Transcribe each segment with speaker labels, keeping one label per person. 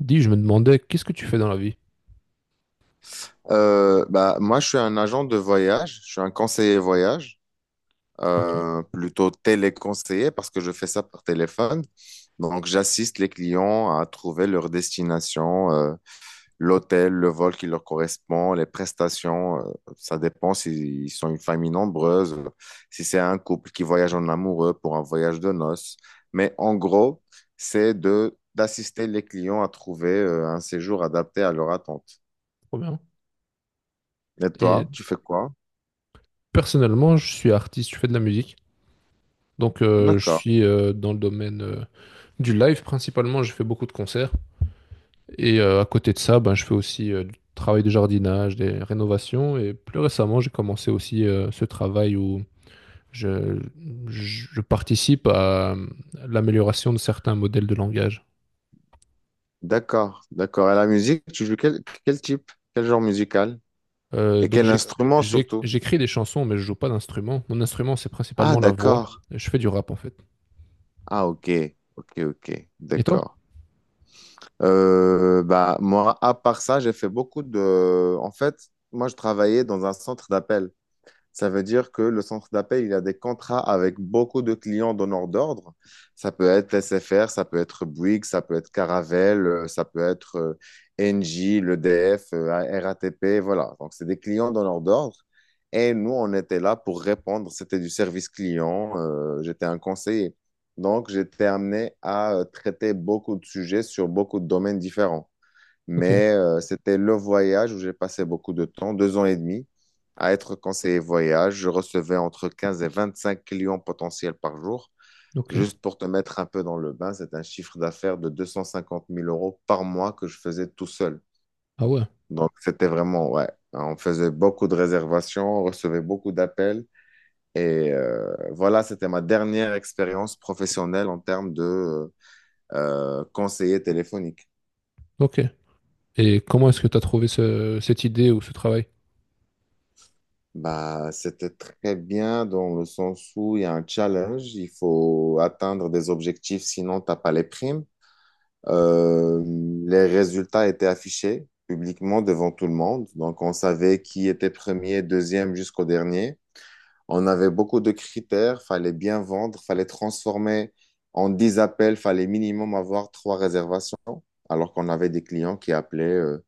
Speaker 1: Dis, je me demandais, qu'est-ce que tu fais dans la vie?
Speaker 2: Moi, je suis un agent de voyage, je suis un conseiller voyage,
Speaker 1: Ok.
Speaker 2: plutôt téléconseiller parce que je fais ça par téléphone. Donc, j'assiste les clients à trouver leur destination, l'hôtel, le vol qui leur correspond, les prestations. Ça dépend s'ils sont une famille nombreuse, si c'est un couple qui voyage en amoureux pour un voyage de noces. Mais en gros, c'est de d'assister les clients à trouver un séjour adapté à leur attente.
Speaker 1: Trop bien.
Speaker 2: Et
Speaker 1: Et
Speaker 2: toi, tu fais quoi?
Speaker 1: personnellement, je suis artiste, je fais de la musique. Donc, je
Speaker 2: D'accord.
Speaker 1: suis dans le domaine du live principalement. Je fais beaucoup de concerts. Et à côté de ça, ben, je fais aussi du travail de jardinage, des rénovations. Et plus récemment, j'ai commencé aussi ce travail où je, je participe à l'amélioration de certains modèles de langage.
Speaker 2: D'accord, d'accord. Et la musique, tu joues quel type? Quel genre musical? Et
Speaker 1: Donc
Speaker 2: quel instrument surtout?
Speaker 1: j'écris des chansons, mais je joue pas d'instrument. Mon instrument, c'est
Speaker 2: Ah,
Speaker 1: principalement la voix.
Speaker 2: d'accord.
Speaker 1: Je fais du rap en fait.
Speaker 2: Ah, ok, ok, ok,
Speaker 1: Et toi?
Speaker 2: d'accord. Moi, à part ça, j'ai fait beaucoup de... En fait, moi, je travaillais dans un centre d'appel. Ça veut dire que le centre d'appel, il a des contrats avec beaucoup de clients donneurs d'ordre. Ça peut être SFR, ça peut être Bouygues, ça peut être Caravelle, ça peut être Engie, l'EDF, RATP, voilà. Donc, c'est des clients donneurs d'ordre. Et nous, on était là pour répondre. C'était du service client. J'étais un conseiller. Donc, j'étais amené à traiter beaucoup de sujets sur beaucoup de domaines différents.
Speaker 1: Ok,
Speaker 2: Mais c'était le voyage où j'ai passé beaucoup de temps, 2 ans et demi, à être conseiller voyage. Je recevais entre 15 et 25 clients potentiels par jour.
Speaker 1: ok.
Speaker 2: Juste pour te mettre un peu dans le bain, c'est un chiffre d'affaires de 250 000 € par mois que je faisais tout seul.
Speaker 1: Ah ouais,
Speaker 2: Donc c'était vraiment, ouais, on faisait beaucoup de réservations, on recevait beaucoup d'appels. Et voilà, c'était ma dernière expérience professionnelle en termes de conseiller téléphonique.
Speaker 1: ok. Et comment est-ce que tu as trouvé cette idée ou ce travail?
Speaker 2: Bah, c'était très bien dans le sens où il y a un challenge, il faut atteindre des objectifs, sinon t'as pas les primes. Euh, les résultats étaient affichés publiquement devant tout le monde, donc on savait qui était premier, deuxième jusqu'au dernier. On avait beaucoup de critères, fallait bien vendre, fallait transformer en 10 appels, fallait minimum avoir 3 réservations, alors qu'on avait des clients qui appelaient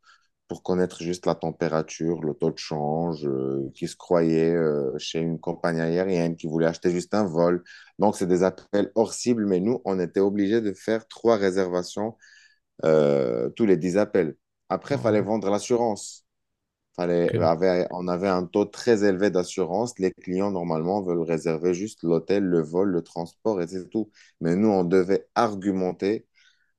Speaker 2: pour connaître juste la température, le taux de change, qui se croyait chez une compagnie aérienne, qui voulait acheter juste un vol. Donc, c'est des appels hors cible, mais nous, on était obligés de faire 3 réservations tous les 10 appels.
Speaker 1: Ah
Speaker 2: Après, il
Speaker 1: ouais,
Speaker 2: fallait vendre l'assurance.
Speaker 1: ok.
Speaker 2: On avait un taux très élevé d'assurance. Les clients, normalement, veulent réserver juste l'hôtel, le vol, le transport et c'est tout. Mais nous, on devait argumenter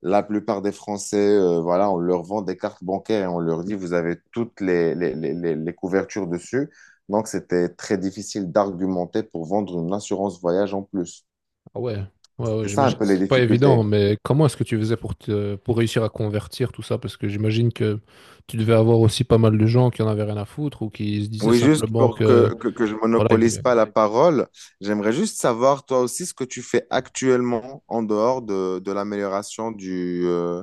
Speaker 2: la plupart des Français, voilà, on leur vend des cartes bancaires, et on leur dit vous avez toutes les couvertures dessus. Donc, c'était très difficile d'argumenter pour vendre une assurance voyage en plus.
Speaker 1: Ah ouais, ouais, ouais,
Speaker 2: C'est ça un
Speaker 1: j'imagine que
Speaker 2: peu les
Speaker 1: c'est pas évident,
Speaker 2: difficultés.
Speaker 1: mais comment est-ce que tu faisais pour te, pour réussir à convertir tout ça? Parce que j'imagine que tu devais avoir aussi pas mal de gens qui en avaient rien à foutre ou qui se disaient
Speaker 2: Oui, juste
Speaker 1: simplement
Speaker 2: pour
Speaker 1: que
Speaker 2: que je
Speaker 1: voilà, il
Speaker 2: monopolise
Speaker 1: voulait.
Speaker 2: pas la parole, j'aimerais juste savoir toi aussi ce que tu fais actuellement en dehors de l'amélioration du,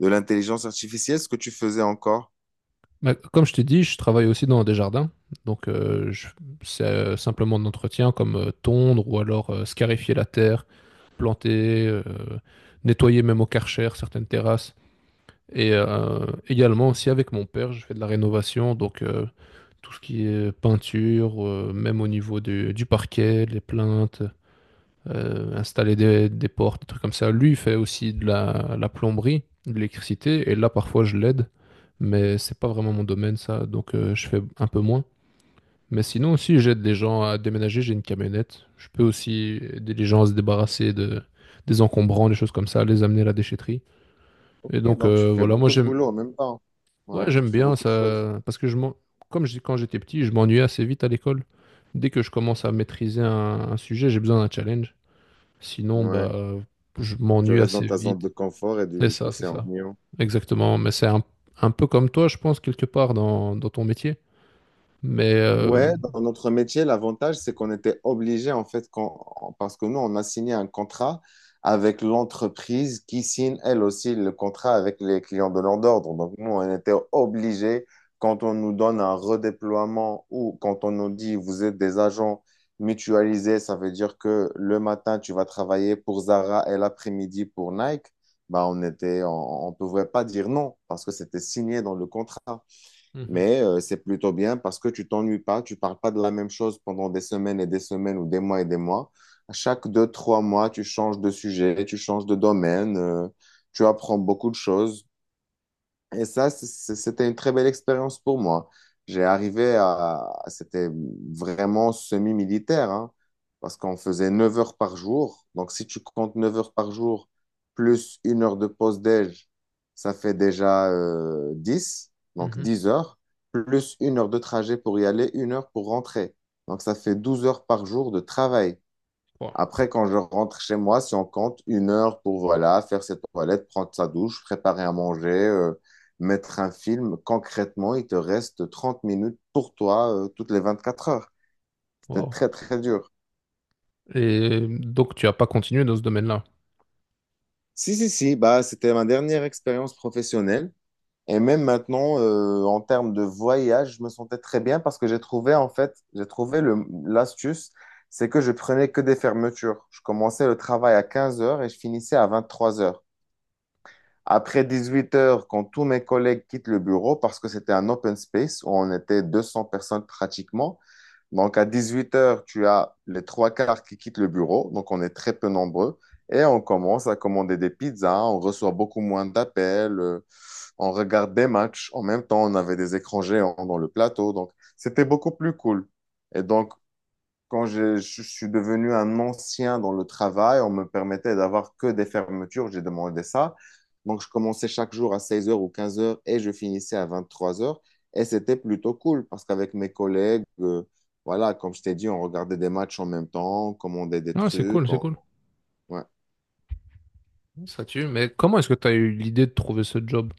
Speaker 2: de l'intelligence artificielle, ce que tu faisais encore.
Speaker 1: Mais comme je t'ai dit, je travaille aussi dans des jardins. Donc, c'est simplement de l'entretien comme tondre ou alors scarifier la terre, planter, nettoyer même au Karcher certaines terrasses. Et également aussi avec mon père, je fais de la rénovation. Donc, tout ce qui est peinture, même au niveau du parquet, les plinthes, installer des portes, des trucs comme ça. Lui, il fait aussi de la plomberie, de l'électricité, et là, parfois, je l'aide, mais c'est pas vraiment mon domaine, ça, donc je fais un peu moins. Mais sinon aussi, j'aide des gens à déménager, j'ai une camionnette. Je peux aussi aider les gens à se débarrasser de, des encombrants, des choses comme ça, les amener à la déchetterie.
Speaker 2: Ok,
Speaker 1: Et donc,
Speaker 2: donc tu fais
Speaker 1: voilà, moi,
Speaker 2: beaucoup de
Speaker 1: j'aime
Speaker 2: boulot en même temps.
Speaker 1: ouais,
Speaker 2: Ouais,
Speaker 1: j'aime
Speaker 2: tu fais
Speaker 1: bien
Speaker 2: beaucoup de choses.
Speaker 1: ça, parce que comme je, quand j'étais petit, je m'ennuyais assez vite à l'école. Dès que je commence à maîtriser un sujet, j'ai besoin d'un challenge. Sinon,
Speaker 2: Ouais.
Speaker 1: bah, je
Speaker 2: Tu
Speaker 1: m'ennuie
Speaker 2: restes dans
Speaker 1: assez
Speaker 2: ta
Speaker 1: vite.
Speaker 2: zone de confort et
Speaker 1: C'est
Speaker 2: du
Speaker 1: ça,
Speaker 2: coup,
Speaker 1: c'est
Speaker 2: c'est
Speaker 1: ça.
Speaker 2: ennuyant.
Speaker 1: Exactement. Mais c'est un peu comme toi, je pense, quelque part dans, dans ton métier. Mais...
Speaker 2: Ouais, dans notre métier, l'avantage, c'est qu'on était obligé, en fait, parce que nous, on a signé un contrat avec l'entreprise qui signe, elle aussi, le contrat avec les clients de leur ordre. Donc, nous, on était obligé, quand on nous donne un redéploiement ou quand on nous dit, vous êtes des agents mutualisés, ça veut dire que le matin, tu vas travailler pour Zara et l'après-midi pour Nike. Bah, on était, on pouvait pas dire non parce que c'était signé dans le contrat.
Speaker 1: mhm,
Speaker 2: Mais c'est plutôt bien parce que tu t'ennuies pas, tu parles pas de la même chose pendant des semaines et des semaines ou des mois et des mois. À chaque deux, trois mois, tu changes de sujet, tu changes de domaine, tu apprends beaucoup de choses. Et ça, c'était une très belle expérience pour moi. J'ai arrivé à... C'était vraiment semi-militaire, hein, parce qu'on faisait 9 heures par jour. Donc, si tu comptes 9 heures par jour, plus une heure de pause déj, ça fait déjà 10, donc
Speaker 1: mhm.
Speaker 2: 10 heures, plus une heure de trajet pour y aller, une heure pour rentrer. Donc, ça fait 12 heures par jour de travail.
Speaker 1: Wow.
Speaker 2: Après, quand je rentre chez moi, si on compte une heure pour voilà, faire ses toilettes, prendre sa douche, préparer à manger, mettre un film, concrètement, il te reste 30 minutes pour toi toutes les 24 heures. C'était
Speaker 1: Wow.
Speaker 2: très, très dur.
Speaker 1: Et donc, tu n'as pas continué dans ce domaine-là.
Speaker 2: Si, si, si, bah, c'était ma dernière expérience professionnelle. Et même maintenant, en termes de voyage, je me sentais très bien parce que j'ai trouvé, en fait, j'ai trouvé l'astuce, c'est que je prenais que des fermetures. Je commençais le travail à 15 heures et je finissais à 23 heures. Après 18 heures, quand tous mes collègues quittent le bureau, parce que c'était un open space où on était 200 personnes pratiquement, donc à 18 heures, tu as les trois quarts qui quittent le bureau, donc on est très peu nombreux, et on commence à commander des pizzas, on reçoit beaucoup moins d'appels, on regarde des matchs, en même temps on avait des écrans géants dans le plateau, donc c'était beaucoup plus cool. Et donc quand je suis devenu un ancien dans le travail, on me permettait d'avoir que des fermetures, j'ai demandé ça. Donc, je commençais chaque jour à 16 heures ou 15 heures et je finissais à vingt-trois heures. Et c'était plutôt cool parce qu'avec mes collègues, voilà, comme je t'ai dit, on regardait des matchs en même temps, on commandait des
Speaker 1: Ah, c'est cool,
Speaker 2: trucs.
Speaker 1: c'est cool.
Speaker 2: Ouais.
Speaker 1: Ça tue. Mais comment est-ce que tu as eu l'idée de trouver ce job?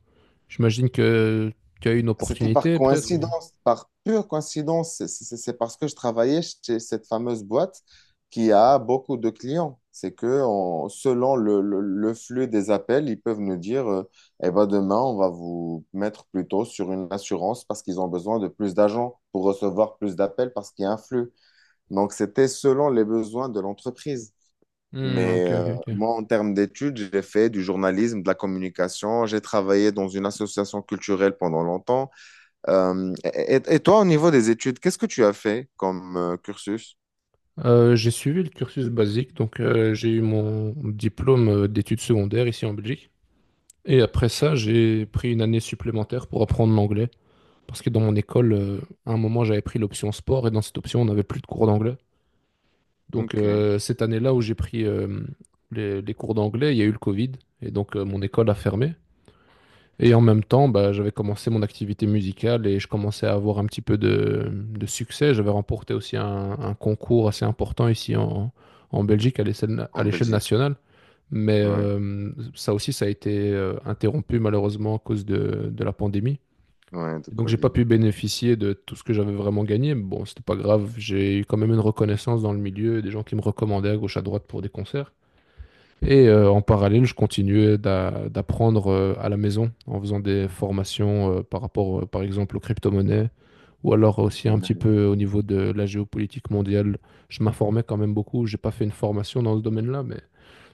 Speaker 1: J'imagine que tu as eu une
Speaker 2: C'était par
Speaker 1: opportunité, peut-être. Ou-
Speaker 2: coïncidence, par pure coïncidence. C'est parce que je travaillais chez cette fameuse boîte qui a beaucoup de clients. C'est que selon le flux des appels, ils peuvent nous dire, eh ben demain, on va vous mettre plutôt sur une assurance parce qu'ils ont besoin de plus d'agents pour recevoir plus d'appels parce qu'il y a un flux. Donc, c'était selon les besoins de l'entreprise.
Speaker 1: Hmm,
Speaker 2: Mais
Speaker 1: ok, ok, ok.
Speaker 2: moi, en termes d'études, j'ai fait du journalisme, de la communication. J'ai travaillé dans une association culturelle pendant longtemps. Et toi, au niveau des études, qu'est-ce que tu as fait comme cursus?
Speaker 1: J'ai suivi le cursus basique, donc j'ai eu mon diplôme d'études secondaires ici en Belgique. Et après ça, j'ai pris une année supplémentaire pour apprendre l'anglais. Parce que dans mon école, à un moment, j'avais pris l'option sport et dans cette option, on n'avait plus de cours d'anglais. Donc
Speaker 2: Ok,
Speaker 1: cette année-là où j'ai pris les cours d'anglais, il y a eu le Covid et donc mon école a fermé. Et en même temps, bah, j'avais commencé mon activité musicale et je commençais à avoir un petit peu de succès. J'avais remporté aussi un concours assez important ici en, en Belgique à
Speaker 2: en
Speaker 1: l'échelle
Speaker 2: Belgique.
Speaker 1: nationale. Mais
Speaker 2: Ouais,
Speaker 1: ça aussi, ça a été interrompu malheureusement à cause de la pandémie.
Speaker 2: ouais, de
Speaker 1: Et donc, j'ai pas
Speaker 2: Covid.
Speaker 1: pu bénéficier de tout ce que j'avais vraiment gagné, mais bon, c'était pas grave. J'ai eu quand même une reconnaissance dans le milieu, des gens qui me recommandaient à gauche à droite pour des concerts. Et en parallèle, je continuais d'apprendre à la maison en faisant des formations par rapport, par exemple, aux crypto-monnaies ou alors aussi un petit
Speaker 2: Ouais,
Speaker 1: peu au niveau de la géopolitique mondiale. Je m'informais quand même beaucoup. J'ai pas fait une formation dans ce domaine-là, mais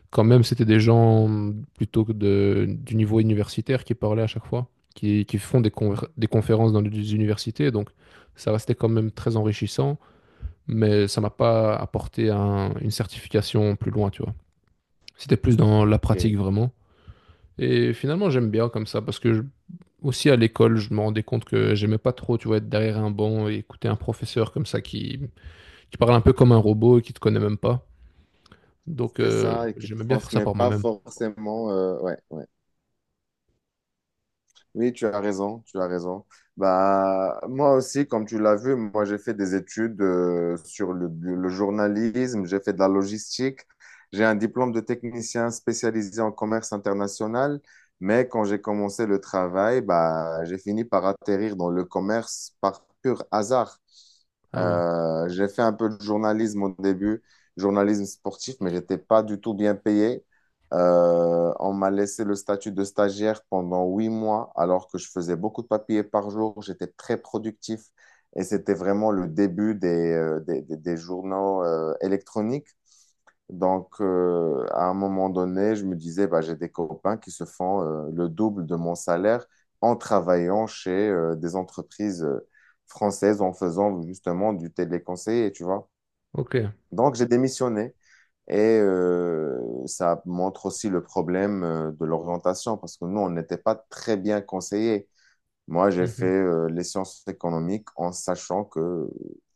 Speaker 1: quand même, c'était des gens plutôt que de, du niveau universitaire qui parlaient à chaque fois, qui font des, des conférences dans des universités. Donc, ça restait quand même très enrichissant, mais ça m'a pas apporté une certification plus loin, tu vois. C'était plus dans la pratique
Speaker 2: ok.
Speaker 1: vraiment. Et finalement, j'aime bien comme ça parce que aussi à l'école, je me rendais compte que j'aimais pas trop, tu vois, être derrière un banc et écouter un professeur comme ça qui parle un peu comme un robot et qui te connaît même pas. Donc,
Speaker 2: C'est ça, et qui ne
Speaker 1: j'aimais bien faire ça
Speaker 2: transmet
Speaker 1: par
Speaker 2: pas
Speaker 1: moi-même.
Speaker 2: forcément. Ouais, ouais. Oui, tu as raison, tu as raison. Bah, moi aussi, comme tu l'as vu, moi j'ai fait des études sur le journalisme, j'ai fait de la logistique, j'ai un diplôme de technicien spécialisé en commerce international, mais quand j'ai commencé le travail, bah, j'ai fini par atterrir dans le commerce par pur hasard.
Speaker 1: Ah ouais.
Speaker 2: J'ai fait un peu de journalisme au début, journalisme sportif, mais j'étais pas du tout bien payé. On m'a laissé le statut de stagiaire pendant 8 mois, alors que je faisais beaucoup de papiers par jour. J'étais très productif et c'était vraiment le début des, des journaux électroniques. Donc, à un moment donné, je me disais, bah, j'ai des copains qui se font le double de mon salaire en travaillant chez des entreprises françaises en faisant justement du téléconseiller, tu vois.
Speaker 1: Ok.
Speaker 2: Donc, j'ai démissionné et ça montre aussi le problème de l'orientation parce que nous, on n'était pas très bien conseillés. Moi, j'ai fait
Speaker 1: Mhm.
Speaker 2: les sciences économiques en sachant que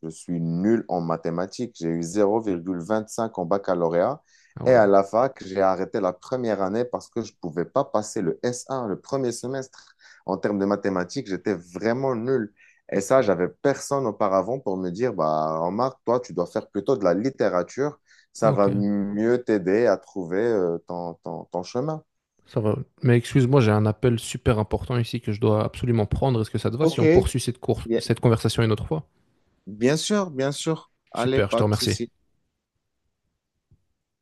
Speaker 2: je suis nul en mathématiques. J'ai eu 0,25 en baccalauréat
Speaker 1: Ah
Speaker 2: et
Speaker 1: ouais,
Speaker 2: à la fac, j'ai arrêté la première année parce que je ne pouvais pas passer le S1, le premier semestre. En termes de mathématiques, j'étais vraiment nul. Et ça, j'avais personne auparavant pour me dire, bah, remarque, toi, tu dois faire plutôt de la littérature. Ça
Speaker 1: ok,
Speaker 2: va mieux t'aider à trouver ton chemin.
Speaker 1: ça va. Mais excuse-moi, j'ai un appel super important ici que je dois absolument prendre. Est-ce que ça te va si
Speaker 2: Ok,
Speaker 1: on poursuit
Speaker 2: bien
Speaker 1: cette conversation une autre fois?
Speaker 2: bien sûr, bien sûr. Allez,
Speaker 1: Super, je te
Speaker 2: pas de
Speaker 1: remercie.
Speaker 2: souci.